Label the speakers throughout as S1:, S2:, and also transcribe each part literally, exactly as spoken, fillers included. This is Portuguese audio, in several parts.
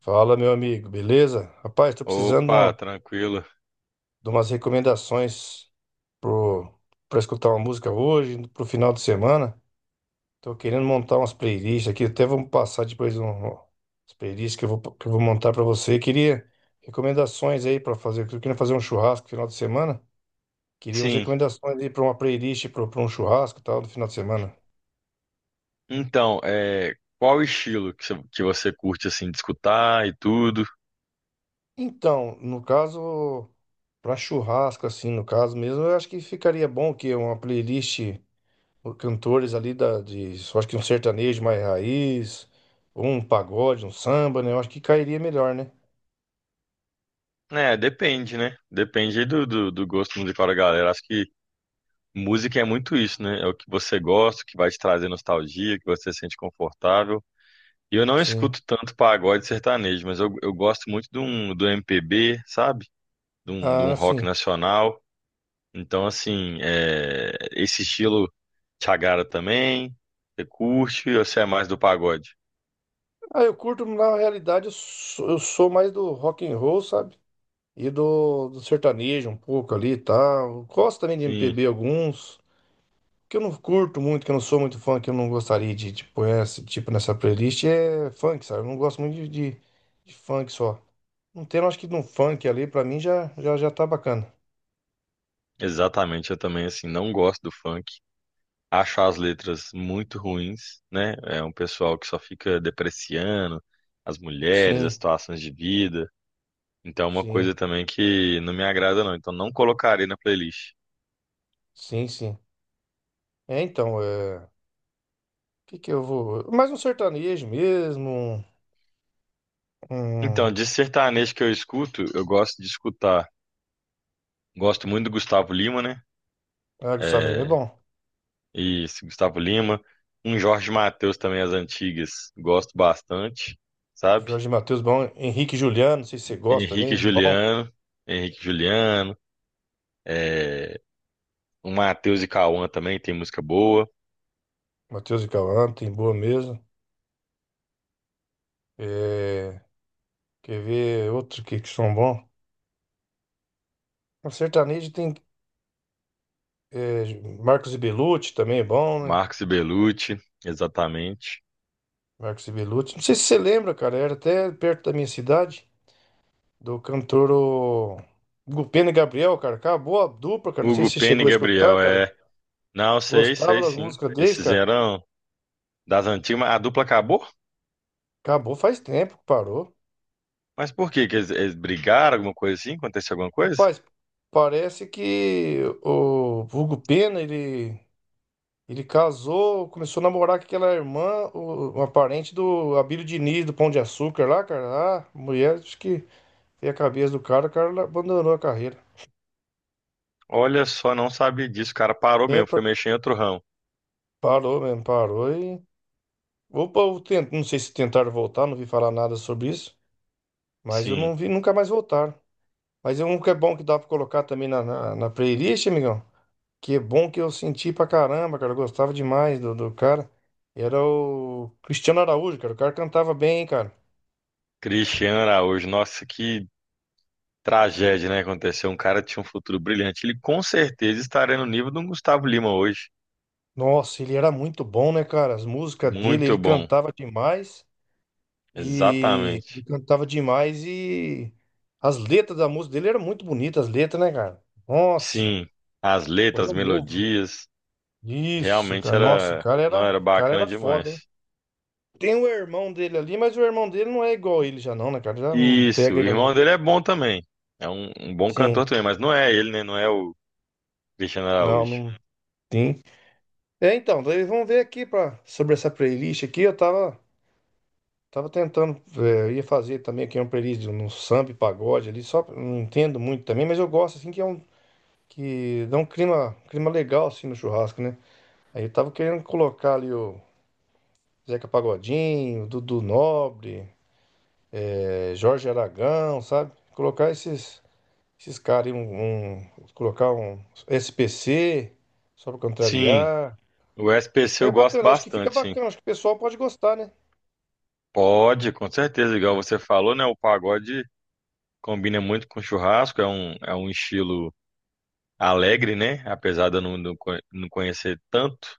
S1: Fala, meu amigo, beleza? Rapaz, tô precisando de,
S2: Opa,
S1: uma-
S2: tranquilo.
S1: de umas recomendações pro, pra escutar uma música hoje, pro final de semana. Tô querendo montar umas playlists aqui, até vamos passar depois um, um, as playlists que eu vou, que eu vou montar pra você. Queria recomendações aí pra fazer, eu queria fazer um churrasco no final de semana. Queria umas
S2: Sim,
S1: recomendações aí pra uma playlist, pra pra um churrasco e tal, no final de semana.
S2: então, é, qual o estilo que você, que você curte, assim, de escutar e tudo?
S1: Então, no caso, pra churrasco, assim, no caso mesmo, eu acho que ficaria bom que uma playlist, por cantores ali da, de, eu acho que um sertanejo mais raiz, ou um pagode, um samba, né? Eu acho que cairia melhor, né?
S2: É, depende, né? Depende aí do, do, do gosto musical da galera. Acho que música é muito isso, né? É o que você gosta, o que vai te trazer nostalgia, que você se sente confortável. E eu não
S1: Sim.
S2: escuto tanto pagode sertanejo, mas eu, eu gosto muito de um, do M P B, sabe? De um, de um
S1: Ah,
S2: rock
S1: sim.
S2: nacional. Então, assim, é, esse estilo te agrada também? Você curte ou você é mais do pagode?
S1: Ah, eu curto, na realidade, eu sou, eu sou mais do rock and roll, sabe? E do, do sertanejo um pouco ali e tal. Gosto também de
S2: Sim,
S1: M P B alguns. Que eu não curto muito, que eu não sou muito fã, que eu não gostaria de, de pôr esse tipo nessa playlist é funk, sabe? Eu não gosto muito de, de, de funk só. Um tema, acho que de um funk ali, pra mim já, já, já tá bacana.
S2: exatamente. Eu também, assim, não gosto do funk. Acho as letras muito ruins, né? É um pessoal que só fica depreciando as mulheres, as
S1: Sim,
S2: situações de vida. Então, é uma
S1: sim.
S2: coisa também que não me agrada, não. Então, não colocarei na playlist.
S1: Sim, sim. É, então, é... o que que eu vou. Mais um sertanejo mesmo, um...
S2: Então,
S1: um-
S2: de sertanejo que eu escuto, eu gosto de escutar. Gosto muito do Gustavo Lima, né?
S1: Ah, Gustavo Lima é
S2: eh,
S1: bom.
S2: Isso, Gustavo Lima. Um Jorge Mateus também, as antigas, gosto bastante, sabe?
S1: Jorge Mateus é bom. Henrique e Juliano, não sei se você gosta
S2: Henrique e
S1: também, bom.
S2: Juliano, Henrique e Juliano, é, o Matheus e Cauã também tem música boa.
S1: Mateus e Cauã, tem boa mesmo. É... Quer ver outro que, que são bons? O sertanejo tem é, Marcos e Belucci também é bom, né?
S2: Marcos e Belucci, exatamente.
S1: Marcos e Belucci. Não sei se você lembra, cara, era até perto da minha cidade, do cantor, o Gupena e Gabriel, cara, acabou a dupla, cara. Não sei
S2: Hugo
S1: se você
S2: Pena e
S1: chegou a escutar,
S2: Gabriel,
S1: cara.
S2: é. Não, sei,
S1: Gostava
S2: sei
S1: das
S2: sim.
S1: músicas deles,
S2: Esses
S1: cara?
S2: eram das antigas, mas a dupla acabou?
S1: Acabou faz tempo que parou.
S2: Mas por quê? Que eles, eles brigaram, alguma coisa assim? Aconteceu alguma coisa?
S1: Rapaz, parece que o Hugo Pena, ele, ele casou, começou a namorar com aquela irmã, o- uma parente do Abílio Diniz, do Pão de Açúcar lá, cara. Ah, mulher, acho que tem a cabeça do cara, o cara abandonou a carreira.
S2: Olha só, não sabia disso, o cara parou
S1: É,
S2: mesmo, foi
S1: par-
S2: mexer em outro ramo.
S1: parou mesmo, parou e... Opa, eu tento, não sei se tentaram voltar, não vi falar nada sobre isso, mas eu não
S2: Sim.
S1: vi, nunca mais voltaram. Mas é um que é bom que dá pra colocar também na, na, na playlist, amigão. Que bom que eu senti pra caramba, cara. Eu gostava demais do, do cara. Era o Cristiano Araújo, cara. O cara cantava bem, hein, cara.
S2: Cristiano Araújo, nossa, que tragédia, né? Aconteceu. Um cara tinha um futuro brilhante. Ele com certeza estaria no nível do Gustavo Lima hoje.
S1: Nossa, ele era muito bom, né, cara? As músicas dele, ele
S2: Muito bom,
S1: cantava demais. E ele
S2: exatamente.
S1: cantava demais e as letras da música dele eram muito bonitas, as letras, né, cara? Nossa,
S2: Sim, as
S1: foi
S2: letras, as
S1: um novo.
S2: melodias,
S1: Isso,
S2: realmente
S1: cara. Nossa, o
S2: era,
S1: cara
S2: não
S1: era, o
S2: era
S1: cara
S2: bacana
S1: era foda, hein?
S2: demais.
S1: Tem o irmão dele ali, mas o irmão dele não é igual ele já não, né, cara? Já não
S2: Isso,
S1: pega
S2: o
S1: ele
S2: irmão
S1: não.
S2: dele é bom também. É um, um bom cantor
S1: Sim.
S2: também, mas não é ele, né? Não é o Cristiano
S1: Não,
S2: Araújo.
S1: não tem. É, então, daí vamos ver aqui pra, sobre essa playlist aqui. Eu tava, tava tentando, é, eu ia fazer também aqui uma playlist no samba e pagode ali, só pra- não entendo muito também, mas eu gosto assim que é um que dá um clima, um clima legal assim no churrasco, né? Aí eu tava querendo colocar ali o Zeca Pagodinho, Dudu Nobre, é, Jorge Aragão, sabe? Colocar esses esses caras aí, um, um- colocar um S P C só pra
S2: Sim,
S1: contrariar.
S2: o S P C
S1: É
S2: eu gosto
S1: bacana, eu acho que fica
S2: bastante, sim.
S1: bacana, acho que o pessoal pode gostar, né?
S2: Pode, com certeza, igual você falou, né? O pagode combina muito com churrasco, é um, é um estilo alegre, né? Apesar de eu não, não co- não conhecer tanto,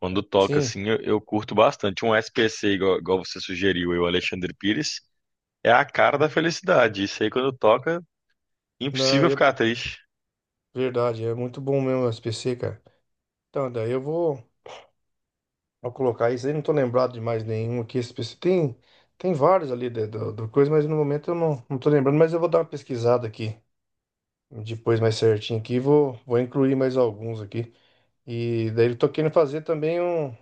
S2: quando toca
S1: Sim.
S2: assim, eu, eu curto bastante. Um S P C, igual, igual você sugeriu, eu, Alexandre Pires, é a cara da felicidade. Isso aí, quando toca,
S1: Não,
S2: impossível
S1: é
S2: ficar triste.
S1: verdade, é muito bom mesmo o S P C, cara. Então, daí eu vou, vou colocar isso aí, não tô lembrado de mais nenhum aqui. S P C tem, tem vários ali da- do, do coisa, mas no momento eu não, não tô lembrando, mas eu vou dar uma pesquisada aqui depois mais certinho aqui, vou, vou incluir mais alguns aqui. E daí eu tô querendo fazer também um.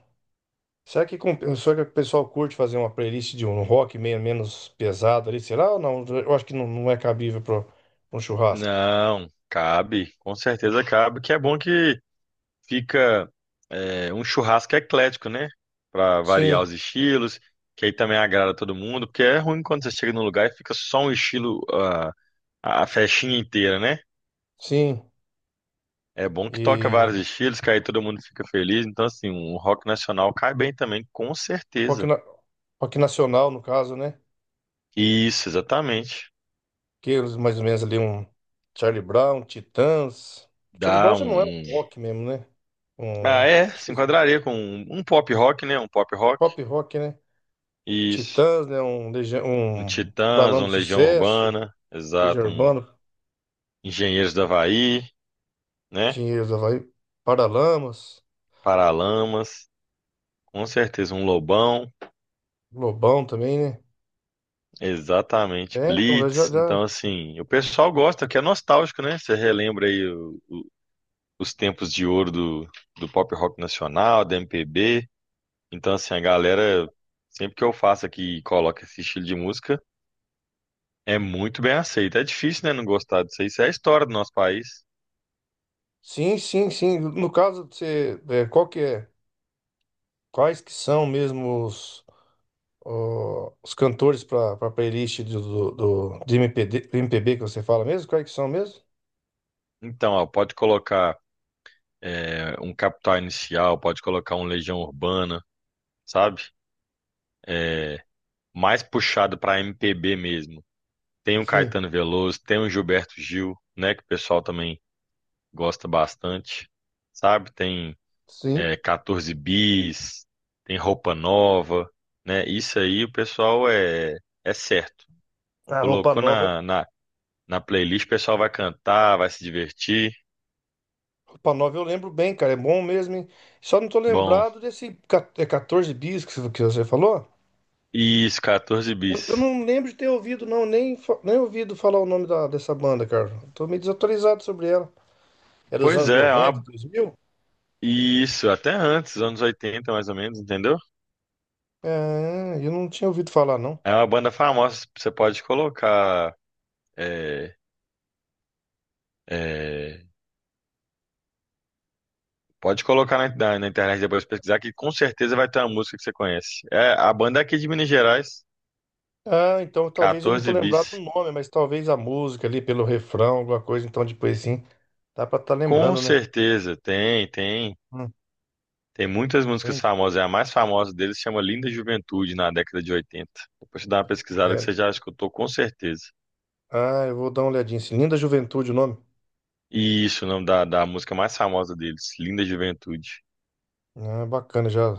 S1: Será que, com, será que o pessoal curte fazer uma playlist de um rock meio menos pesado ali? Será ou não? Eu acho que não, não é cabível para um churrasco.
S2: Não, cabe, com certeza cabe, que é bom que fica é, um churrasco eclético, né? Pra variar
S1: Sim,
S2: os estilos, que aí também agrada todo mundo, porque é ruim quando você chega num lugar e fica só um estilo. ah, a festinha inteira, né?
S1: sim.
S2: É bom que toca vários
S1: e
S2: estilos, que aí todo mundo fica feliz. Então, assim, um rock nacional cai bem também, com
S1: Rock,
S2: certeza.
S1: na- rock nacional, no caso, né?
S2: Isso, exatamente.
S1: Que eles mais ou menos ali um Charlie Brown, Titãs. Charlie Brown
S2: Dá
S1: já não é
S2: um. um-
S1: um rock mesmo, né? Um
S2: Ah,
S1: não
S2: é, se
S1: sei se- é
S2: enquadraria com um, um pop rock, né? Um pop rock.
S1: pop rock, né?
S2: Isso.
S1: Titãs, né? Um, Legião-
S2: Um
S1: um
S2: Titãs, um
S1: Paralamas do
S2: Legião
S1: Sucesso,
S2: Urbana,
S1: Legião
S2: exato. Um
S1: Urbana,
S2: Engenheiros do Havaí, né?
S1: Dinheiro da Havaí, Paralamas,
S2: Paralamas, com certeza. Um Lobão,
S1: Lobão também, né?
S2: exatamente.
S1: É, então já,
S2: Blitz. Então,
S1: já...
S2: assim, o pessoal gosta, que é nostálgico, né? Você relembra aí os tempos de ouro do, do pop rock nacional, da M P B. Então, assim, a galera, sempre que eu faço aqui e coloco esse estilo de música, é muito bem aceito. É difícil, né, não gostar disso aí. Isso é a história do nosso país.
S1: Sim, sim, sim. No caso, você, é, qual que é? Quais que são mesmo os... o- os cantores para a playlist do, do, do- de M P D, do M P B que você fala mesmo? Quais que são mesmo?
S2: Então, ó, pode colocar é, um Capital Inicial, pode colocar um Legião Urbana, sabe? É, mais puxado para M P B mesmo. Tem um
S1: Sim,
S2: Caetano Veloso, tem um Gilberto Gil, né, que o pessoal também gosta bastante, sabe? Tem
S1: sim.
S2: é, catorze bis, tem roupa nova, né? Isso aí o pessoal é, é certo.
S1: A roupa
S2: Colocou
S1: nova,
S2: na, na, na playlist, o pessoal vai cantar, vai se divertir.
S1: roupa nova eu lembro bem, cara, é bom mesmo, hein? Só não tô
S2: Bom,
S1: lembrado desse ca- é catorze bis que você que você falou.
S2: isso, quatorze
S1: Eu, eu
S2: bis.
S1: não lembro de ter ouvido, não, nem, fa- nem ouvido falar o nome da, dessa banda, cara. Tô meio desatualizado sobre ela. É dos
S2: Pois
S1: anos
S2: é, é
S1: noventa,
S2: uma-
S1: dois mil?
S2: isso, até antes, anos oitenta mais ou menos, entendeu?
S1: É, eu não tinha ouvido falar, não.
S2: É uma banda famosa, você pode colocar. é, é, pode colocar na, na- na internet depois pesquisar, que com certeza vai ter uma música que você conhece. É, a banda é aqui de Minas Gerais,
S1: Ah, então talvez eu não tô
S2: quatorze
S1: lembrado do
S2: bis.
S1: nome, mas talvez a música ali, pelo refrão, alguma coisa, então depois sim, dá pra estar
S2: Com
S1: lembrando, né?
S2: certeza, tem, tem.
S1: Hum,
S2: Tem muitas músicas
S1: Entende?
S2: famosas. é A mais famosa deles chama Linda Juventude, na década de oitenta. Depois você dá uma pesquisada que
S1: É.
S2: você já escutou, com certeza.
S1: Ah, eu vou dar uma olhadinha, assim. Linda Juventude o nome.
S2: E isso, o nome da, da música mais famosa deles, Linda Juventude.
S1: Ah, bacana, já,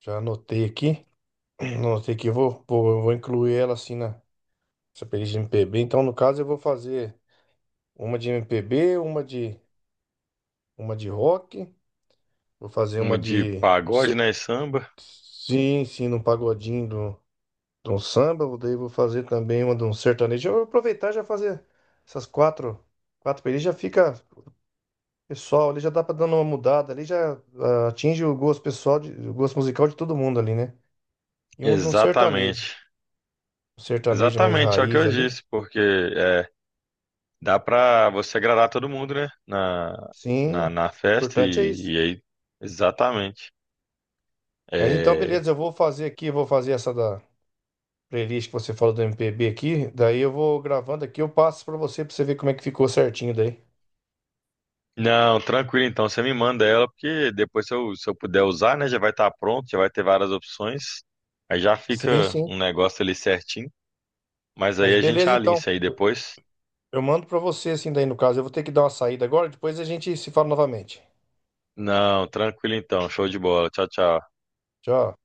S1: já anotei aqui. Anotei aqui, eu vou, vou, eu vou incluir ela assim na essa playlist de M P B. Então, no caso, eu vou fazer uma de M P B, uma de, uma de rock, vou fazer
S2: Uma
S1: uma
S2: de
S1: de.
S2: pagode,
S1: se-
S2: né? E samba.
S1: Sim, sim, num pagodinho de um samba, vou- daí vou fazer também uma de um sertanejo. Eu vou aproveitar e já fazer essas quatro, quatro playlists, já fica pessoal, ali já dá pra dar uma mudada, ali já ah, atinge o gosto pessoal, de- o gosto musical de todo mundo ali, né? E um de um sertanejo,
S2: Exatamente.
S1: um sertanejo mais
S2: Exatamente, é o que
S1: raiz
S2: eu
S1: ali.
S2: disse, porque é, dá pra você agradar todo mundo, né? Na,
S1: Sim,
S2: na,
S1: o
S2: na festa
S1: importante é
S2: e,
S1: isso.
S2: e aí. Exatamente.
S1: Mas então,
S2: É,
S1: beleza, eu vou fazer aqui, eu vou fazer essa da playlist que você falou do M P B aqui, daí eu vou gravando aqui, eu passo pra você, pra você ver como é que ficou certinho daí.
S2: Não, tranquilo então. Você me manda ela, porque depois se eu, se eu puder usar, né? Já vai estar pronto, já vai ter várias opções. Aí já fica
S1: Sim, sim.
S2: um negócio ali certinho. Mas aí
S1: Mas
S2: a gente
S1: beleza,
S2: alinha
S1: então.
S2: isso aí depois.
S1: Eu mando pra você assim daí no caso. Eu vou ter que dar uma saída agora, depois a gente se fala novamente.
S2: Não, tranquilo então. Show de bola. Tchau, tchau.
S1: Tchau.